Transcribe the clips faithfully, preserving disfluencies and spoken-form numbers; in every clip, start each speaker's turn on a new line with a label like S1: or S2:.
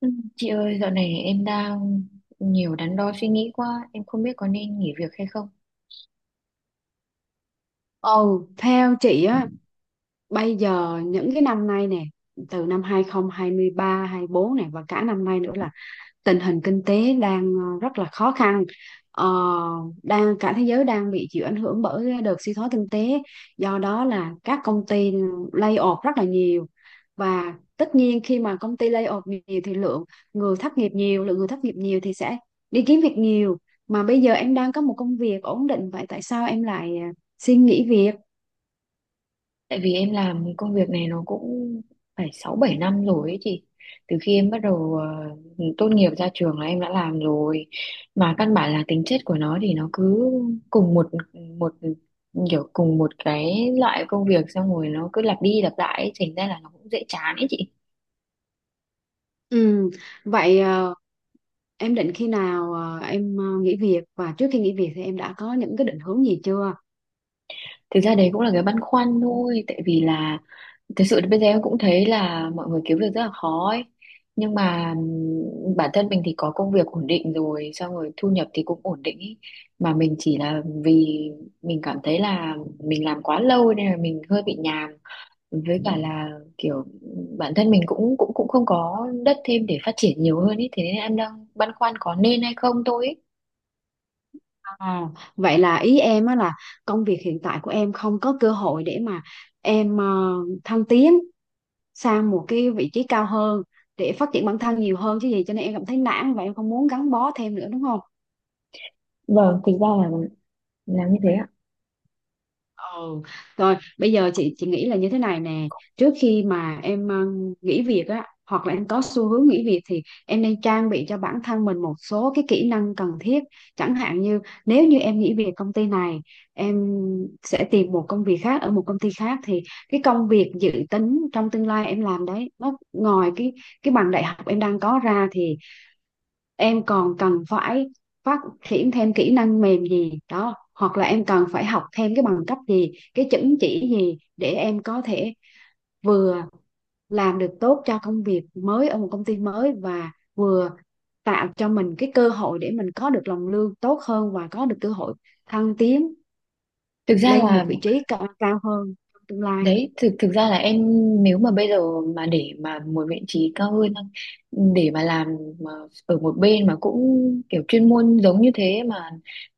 S1: Ừ, chị ơi, dạo này em đang nhiều đắn đo suy nghĩ quá, em không biết có nên nghỉ việc hay không.
S2: Ừ, theo chị á, bây giờ những cái năm nay nè, từ năm hai không hai ba, hai không hai tư này và cả năm nay nữa là tình hình kinh tế đang ờ, rất là khó khăn. Ờ, đang cả thế giới đang bị chịu ảnh hưởng bởi cái đợt suy thoái kinh tế, do đó là các công ty lay off rất là nhiều. Và tất nhiên khi mà công ty lay off nhiều thì lượng người thất nghiệp nhiều, lượng người thất nghiệp nhiều thì sẽ đi kiếm việc nhiều. Mà bây giờ em đang có một công việc ổn định, vậy tại sao em lại ờ, xin nghỉ việc?
S1: Tại vì em làm công việc này nó cũng phải sáu bảy năm rồi ấy chị. Từ khi em bắt đầu ờ, tốt nghiệp ra trường là em đã làm rồi. Mà căn bản là tính chất của nó thì nó cứ cùng một một kiểu cùng một cái loại công việc xong rồi nó cứ lặp đi lặp lại ấy, thành ra là nó cũng dễ chán ấy chị.
S2: Ừ, vậy ờ, em định khi nào ờ, em ờ, nghỉ việc, và trước khi nghỉ việc thì em đã có những cái định hướng gì chưa?
S1: Thực ra đấy cũng là cái băn khoăn thôi, tại vì là thực sự thì bây giờ em cũng thấy là mọi người kiếm việc rất là khó ấy. Nhưng mà ừm, bản thân mình thì có công việc ổn định rồi, xong rồi thu nhập thì cũng ổn định ý. Mà mình chỉ là vì mình cảm thấy là mình làm quá lâu nên là mình hơi bị nhàm. Với cả là kiểu bản thân mình cũng cũng cũng không có đất thêm để phát triển nhiều hơn ý. Thế nên em đang băn khoăn có nên hay không thôi ý.
S2: À, vậy là ý em á là công việc hiện tại của em không có cơ hội để mà em ờ, thăng tiến sang một cái vị trí cao hơn để phát triển bản thân nhiều hơn chứ gì, cho nên em cảm thấy nản và em không muốn gắn bó thêm nữa đúng không?
S1: Vâng, thực ra là là như thế ạ.
S2: Ừ. Rồi bây giờ chị chị nghĩ là như thế này nè, trước khi mà em ờ, nghỉ việc á hoặc là em có xu hướng nghỉ việc thì em nên trang bị cho bản thân mình một số cái kỹ năng cần thiết, chẳng hạn như nếu như em nghỉ việc công ty này, em sẽ tìm một công việc khác ở một công ty khác, thì cái công việc dự tính trong tương lai em làm đấy, nó ngoài cái cái bằng đại học em đang có ra thì em còn cần phải phát triển thêm kỹ năng mềm gì đó hoặc là em cần phải học thêm cái bằng cấp gì, cái chứng chỉ gì, để em có thể vừa làm được tốt cho công việc mới ở một công ty mới và vừa tạo cho mình cái cơ hội để mình có được lòng lương tốt hơn và có được cơ hội thăng tiến
S1: Thực ra
S2: lên một
S1: là
S2: vị trí cao, cao hơn trong tương lai.
S1: Đấy, thực thực ra là em, nếu mà bây giờ mà để mà một vị trí cao hơn để mà làm mà ở một bên mà cũng kiểu chuyên môn giống như thế mà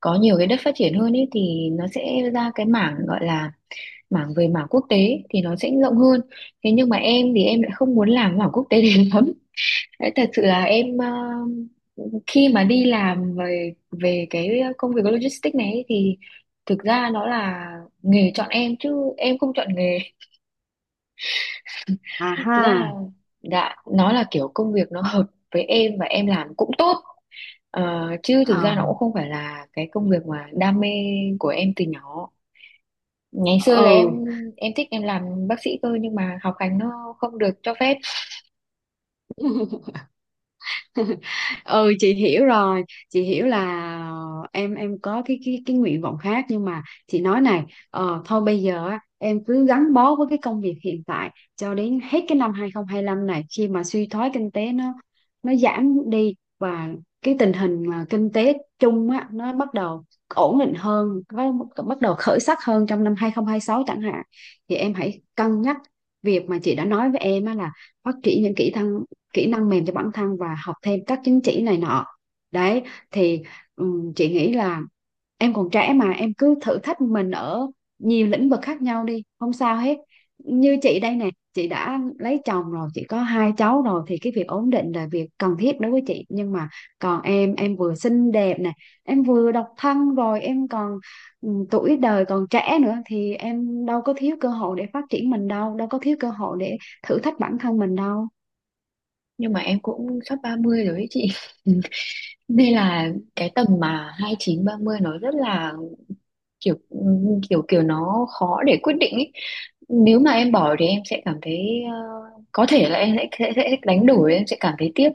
S1: có nhiều cái đất phát triển hơn ấy thì nó sẽ ra cái mảng gọi là mảng về mảng quốc tế thì nó sẽ rộng hơn. Thế nhưng mà em thì em lại không muốn làm mảng quốc tế đến lắm. Đấy, thật sự là em, ờ, khi mà đi làm về về cái công việc logistics này ấy thì thực ra nó là nghề chọn em chứ em không chọn nghề.
S2: À ha.
S1: Thực ra dạ nó là kiểu công việc nó hợp với em và em làm cũng tốt. Ờ, chứ thực ra
S2: Ờ.
S1: nó cũng không phải là cái công việc mà đam mê của em từ nhỏ. Ngày xưa là em
S2: Ừ.
S1: em thích em làm bác sĩ cơ nhưng mà học hành nó không được cho phép.
S2: Ừ, chị hiểu rồi. Chị hiểu là ờ, em em có cái cái cái nguyện vọng khác, nhưng mà chị nói này, ờ, thôi bây giờ á, em cứ gắn bó với cái công việc hiện tại cho đến hết cái năm hai không hai lăm này, khi mà suy thoái kinh tế nó nó giảm đi và cái tình hình mà kinh tế chung á nó bắt đầu ổn định hơn, có bắt đầu khởi sắc hơn trong năm hai không hai sáu chẳng hạn, thì em hãy cân nhắc việc mà chị đã nói với em á, là phát triển những kỹ năng kỹ năng mềm cho bản thân và học thêm các chứng chỉ này nọ. Đấy, thì ừm, chị nghĩ là em còn trẻ mà, em cứ thử thách mình ở nhiều lĩnh vực khác nhau đi, không sao hết. Như chị đây nè, chị đã lấy chồng rồi, chị có hai cháu rồi thì cái việc ổn định là việc cần thiết đối với chị, nhưng mà còn em em vừa xinh đẹp nè, em vừa độc thân, rồi em còn, ừ, tuổi đời còn trẻ nữa, thì em đâu có thiếu cơ hội để phát triển mình đâu, đâu có thiếu cơ hội để thử thách bản thân mình đâu.
S1: Nhưng mà em cũng sắp ba mươi rồi ấy chị. Nên là cái tầm mà hai mươi chín ba mươi nó rất là kiểu kiểu kiểu nó khó để quyết định ấy. Nếu mà em bỏ thì em sẽ cảm thấy ờ, có thể là em sẽ, sẽ, sẽ đánh đổi, em sẽ cảm thấy tiếc.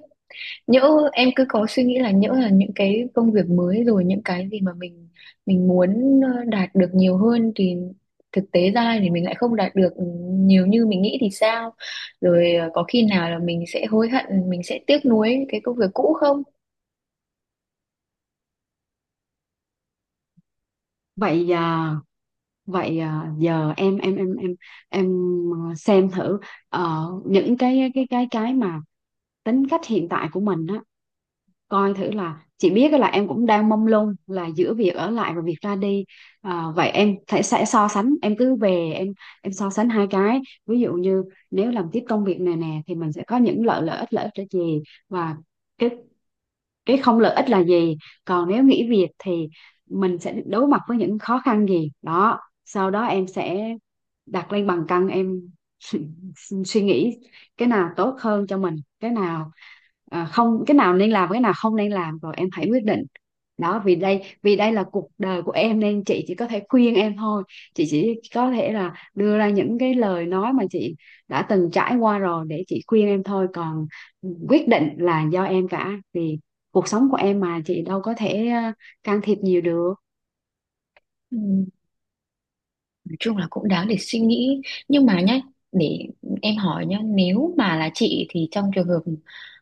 S1: Nhỡ em cứ có suy nghĩ là nhỡ là những cái công việc mới rồi những cái gì mà mình mình muốn ờ, đạt được nhiều hơn thì thực tế ra thì mình lại không đạt được, ừ, nhiều như mình nghĩ thì sao, rồi ờ, có khi nào là mình sẽ hối hận, mình sẽ tiếc nuối cái công việc cũ không.
S2: Vậy à? Vậy à? Giờ em em em em em à, xem thử ờ, những cái cái cái cái mà tính cách hiện tại của mình á, coi thử. Là chị biết là em cũng đang mông lung là giữa việc ở lại và việc ra đi. Ờ, vậy em sẽ sẽ so sánh, em cứ về em em so sánh hai cái. Ví dụ như nếu làm tiếp công việc này nè thì mình sẽ có những lợi lợi ích lợi ích là gì, và cái cái không lợi ích là gì, còn nếu nghỉ việc thì mình sẽ đối mặt với những khó khăn gì đó. Sau đó em sẽ đặt lên bàn cân, em suy nghĩ cái nào tốt hơn cho mình, cái nào, à không, cái nào nên làm, cái nào không nên làm, rồi em hãy quyết định. Đó, vì đây vì đây là cuộc đời của em nên chị chỉ có thể khuyên em thôi, chị chỉ có thể là đưa ra những cái lời nói mà chị đã từng trải qua rồi để chị khuyên em thôi, còn quyết định là do em cả, vì cuộc sống của em mà, chị đâu có thể ờ, can thiệp nhiều được.
S1: Ừ. Nói chung là cũng đáng để suy nghĩ nhưng mà nhá, để em hỏi nhá, nếu mà là chị thì trong trường hợp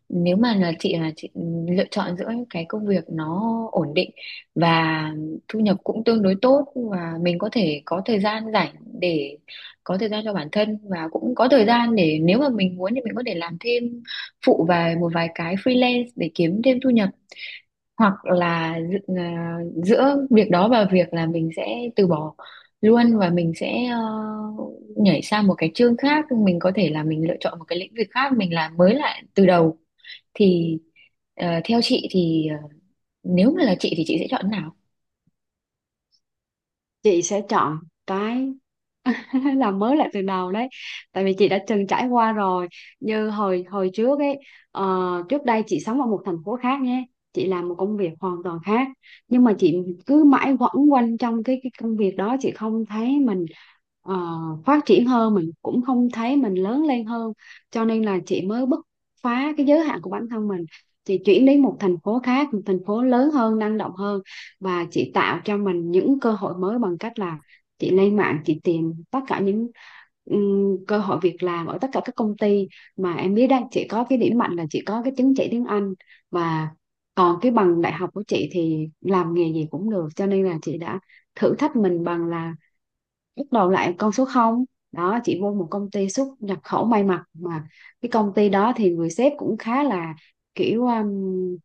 S1: nếu mà là chị là chị lựa chọn giữa những cái công việc nó ổn định và thu nhập cũng tương đối tốt và mình có thể có thời gian rảnh để có thời gian cho bản thân và cũng có thời gian để nếu mà mình muốn thì mình có thể làm thêm phụ vài một vài cái freelance để kiếm thêm thu nhập, hoặc là dự- à, giữa việc đó và việc là mình sẽ từ bỏ luôn và mình sẽ ờ, nhảy sang một cái chương khác, mình có thể là mình lựa chọn một cái lĩnh vực khác, mình làm mới lại từ đầu thì ờ, theo chị thì ờ, nếu mà là chị thì chị sẽ chọn nào.
S2: Chị sẽ chọn cái làm mới lại từ đầu đấy, tại vì chị đã từng trải qua rồi. Như hồi hồi trước ấy, ờ, trước đây chị sống ở một thành phố khác nhé, chị làm một công việc hoàn toàn khác, nhưng mà chị cứ mãi quẩn quanh trong cái cái công việc đó, chị không thấy mình ờ, phát triển hơn, mình cũng không thấy mình lớn lên hơn, cho nên là chị mới bứt phá cái giới hạn của bản thân mình. Chị chuyển đến một thành phố khác, một thành phố lớn hơn, năng động hơn, và chị tạo cho mình những cơ hội mới bằng cách là chị lên mạng, chị tìm tất cả những ừm, cơ hội việc làm ở tất cả các công ty. Mà em biết đấy, chị có cái điểm mạnh là chị có cái chứng chỉ tiếng Anh, và còn cái bằng đại học của chị thì làm nghề gì cũng được, cho nên là chị đã thử thách mình bằng là bắt đầu lại con số không. Đó, chị vô một công ty xuất nhập khẩu may mặc, mà cái công ty đó thì người sếp cũng khá là kiểu um,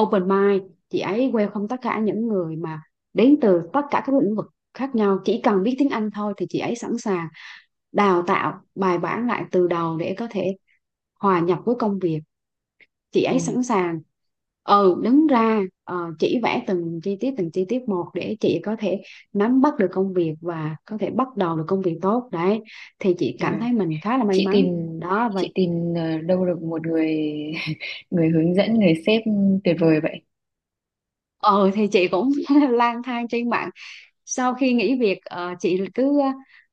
S2: open mind, chị ấy welcome tất cả những người mà đến từ tất cả các lĩnh vực khác nhau, chỉ cần biết tiếng Anh thôi thì chị ấy sẵn sàng đào tạo bài bản lại từ đầu để có thể hòa nhập với công việc. Chị
S1: Ừ.
S2: ấy sẵn sàng, ừ, đứng ra ờ, chỉ vẽ từng chi tiết, từng chi tiết một để chị có thể nắm bắt được công việc và có thể bắt đầu được công việc tốt đấy, thì chị
S1: Thế
S2: cảm
S1: này.
S2: thấy mình khá là may
S1: chị tìm
S2: mắn. Đó, và
S1: chị tìm ờ, đâu được một người người hướng dẫn, người sếp tuyệt vời vậy.
S2: ờ thì chị cũng lang thang trên mạng. Sau khi nghỉ việc, ờ, chị cứ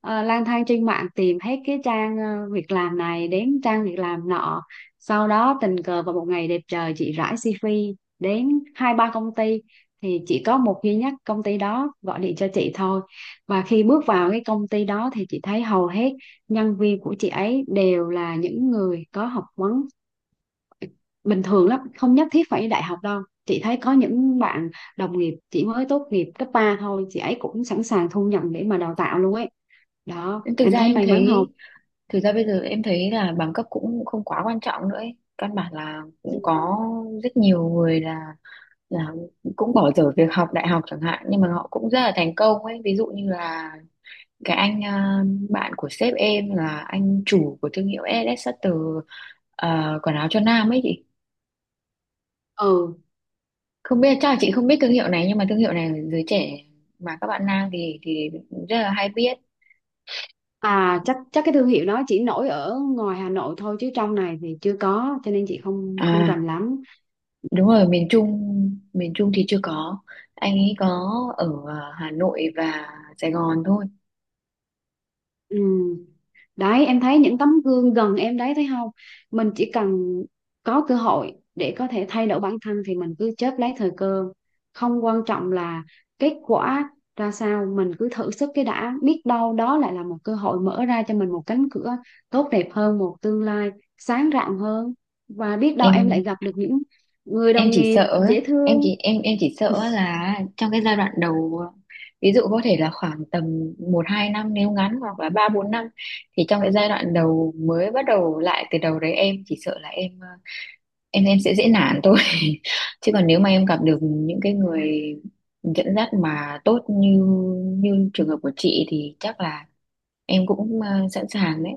S2: ờ, lang thang trên mạng, tìm hết cái trang ờ, việc làm này đến trang việc làm nọ, sau đó tình cờ vào một ngày đẹp trời, chị rải xi vi đến hai ba công ty, thì chỉ có một duy nhất công ty đó gọi điện cho chị thôi. Và khi bước vào cái công ty đó thì chị thấy hầu hết nhân viên của chị ấy đều là những người có học vấn bình thường lắm, không nhất thiết phải đại học đâu, chị thấy có những bạn đồng nghiệp chỉ mới tốt nghiệp cấp ba thôi, chị ấy cũng sẵn sàng thu nhận để mà đào tạo luôn ấy. Đó,
S1: thực
S2: em
S1: ra
S2: thấy
S1: em
S2: may mắn không?
S1: thấy Thực ra bây giờ em thấy là bằng cấp cũng không quá quan trọng nữa ấy. Căn bản là cũng có rất nhiều người là là cũng bỏ dở việc học đại học chẳng hạn nhưng mà họ cũng rất là thành công ấy. Ví dụ như là cái anh à, bạn của sếp em là anh chủ của thương hiệu e lờ Sutter, à, quần áo cho nam ấy chị.
S2: Ừ.
S1: Không biết chắc là chị không biết thương hiệu này, nhưng mà thương hiệu này giới trẻ mà các bạn nam thì thì rất là hay biết.
S2: À, chắc chắc cái thương hiệu đó chỉ nổi ở ngoài Hà Nội thôi, chứ trong này thì chưa có, cho nên chị không không
S1: À,
S2: rành lắm.
S1: đúng rồi, miền Trung, miền Trung thì chưa có. Anh ấy có ở à, Hà Nội và Sài Gòn thôi.
S2: Ừ. Đấy, em thấy những tấm gương gần em đấy, thấy không? Mình chỉ cần có cơ hội để có thể thay đổi bản thân thì mình cứ chớp lấy thời cơ, không quan trọng là kết quả ra sao, mình cứ thử sức cái đã, biết đâu đó lại là một cơ hội mở ra cho mình một cánh cửa tốt đẹp hơn, một tương lai sáng rạng hơn, và biết đâu em lại
S1: Em
S2: gặp được những người
S1: em
S2: đồng
S1: chỉ
S2: nghiệp
S1: sợ ấy,
S2: dễ
S1: em
S2: thương.
S1: chỉ em em chỉ sợ là trong cái giai đoạn đầu, ví dụ có thể là khoảng tầm một hai năm nếu ngắn hoặc là ba bốn năm, thì trong cái giai đoạn đầu mới bắt đầu lại từ đầu đấy, em chỉ sợ là em à, em em sẽ dễ nản thôi, chứ còn nếu mà em gặp được những cái người dẫn dắt mà tốt như như trường hợp của chị thì chắc là em cũng ờ, sẵn sàng đấy.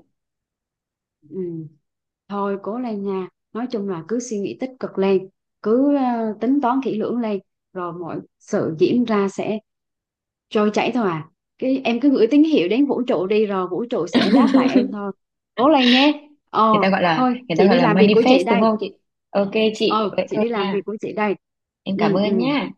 S2: Ừ. Thôi cố lên nha. Nói chung là cứ suy nghĩ tích cực lên, cứ ờ, tính toán kỹ lưỡng lên, rồi mọi sự diễn ra sẽ trôi chảy thôi à. Cái em cứ gửi tín hiệu đến vũ trụ đi, rồi vũ trụ sẽ đáp lại em thôi. Cố lên nhé. Ờ,
S1: người ta gọi là
S2: thôi
S1: Người ta
S2: chị
S1: gọi
S2: đi
S1: là
S2: làm việc của chị
S1: manifest đúng
S2: đây.
S1: không chị. Ok chị,
S2: Ờ,
S1: vậy
S2: chị
S1: thôi
S2: đi làm việc
S1: nha,
S2: của chị đây.
S1: em cảm
S2: Ừ,
S1: ơn
S2: ừ.
S1: nhá.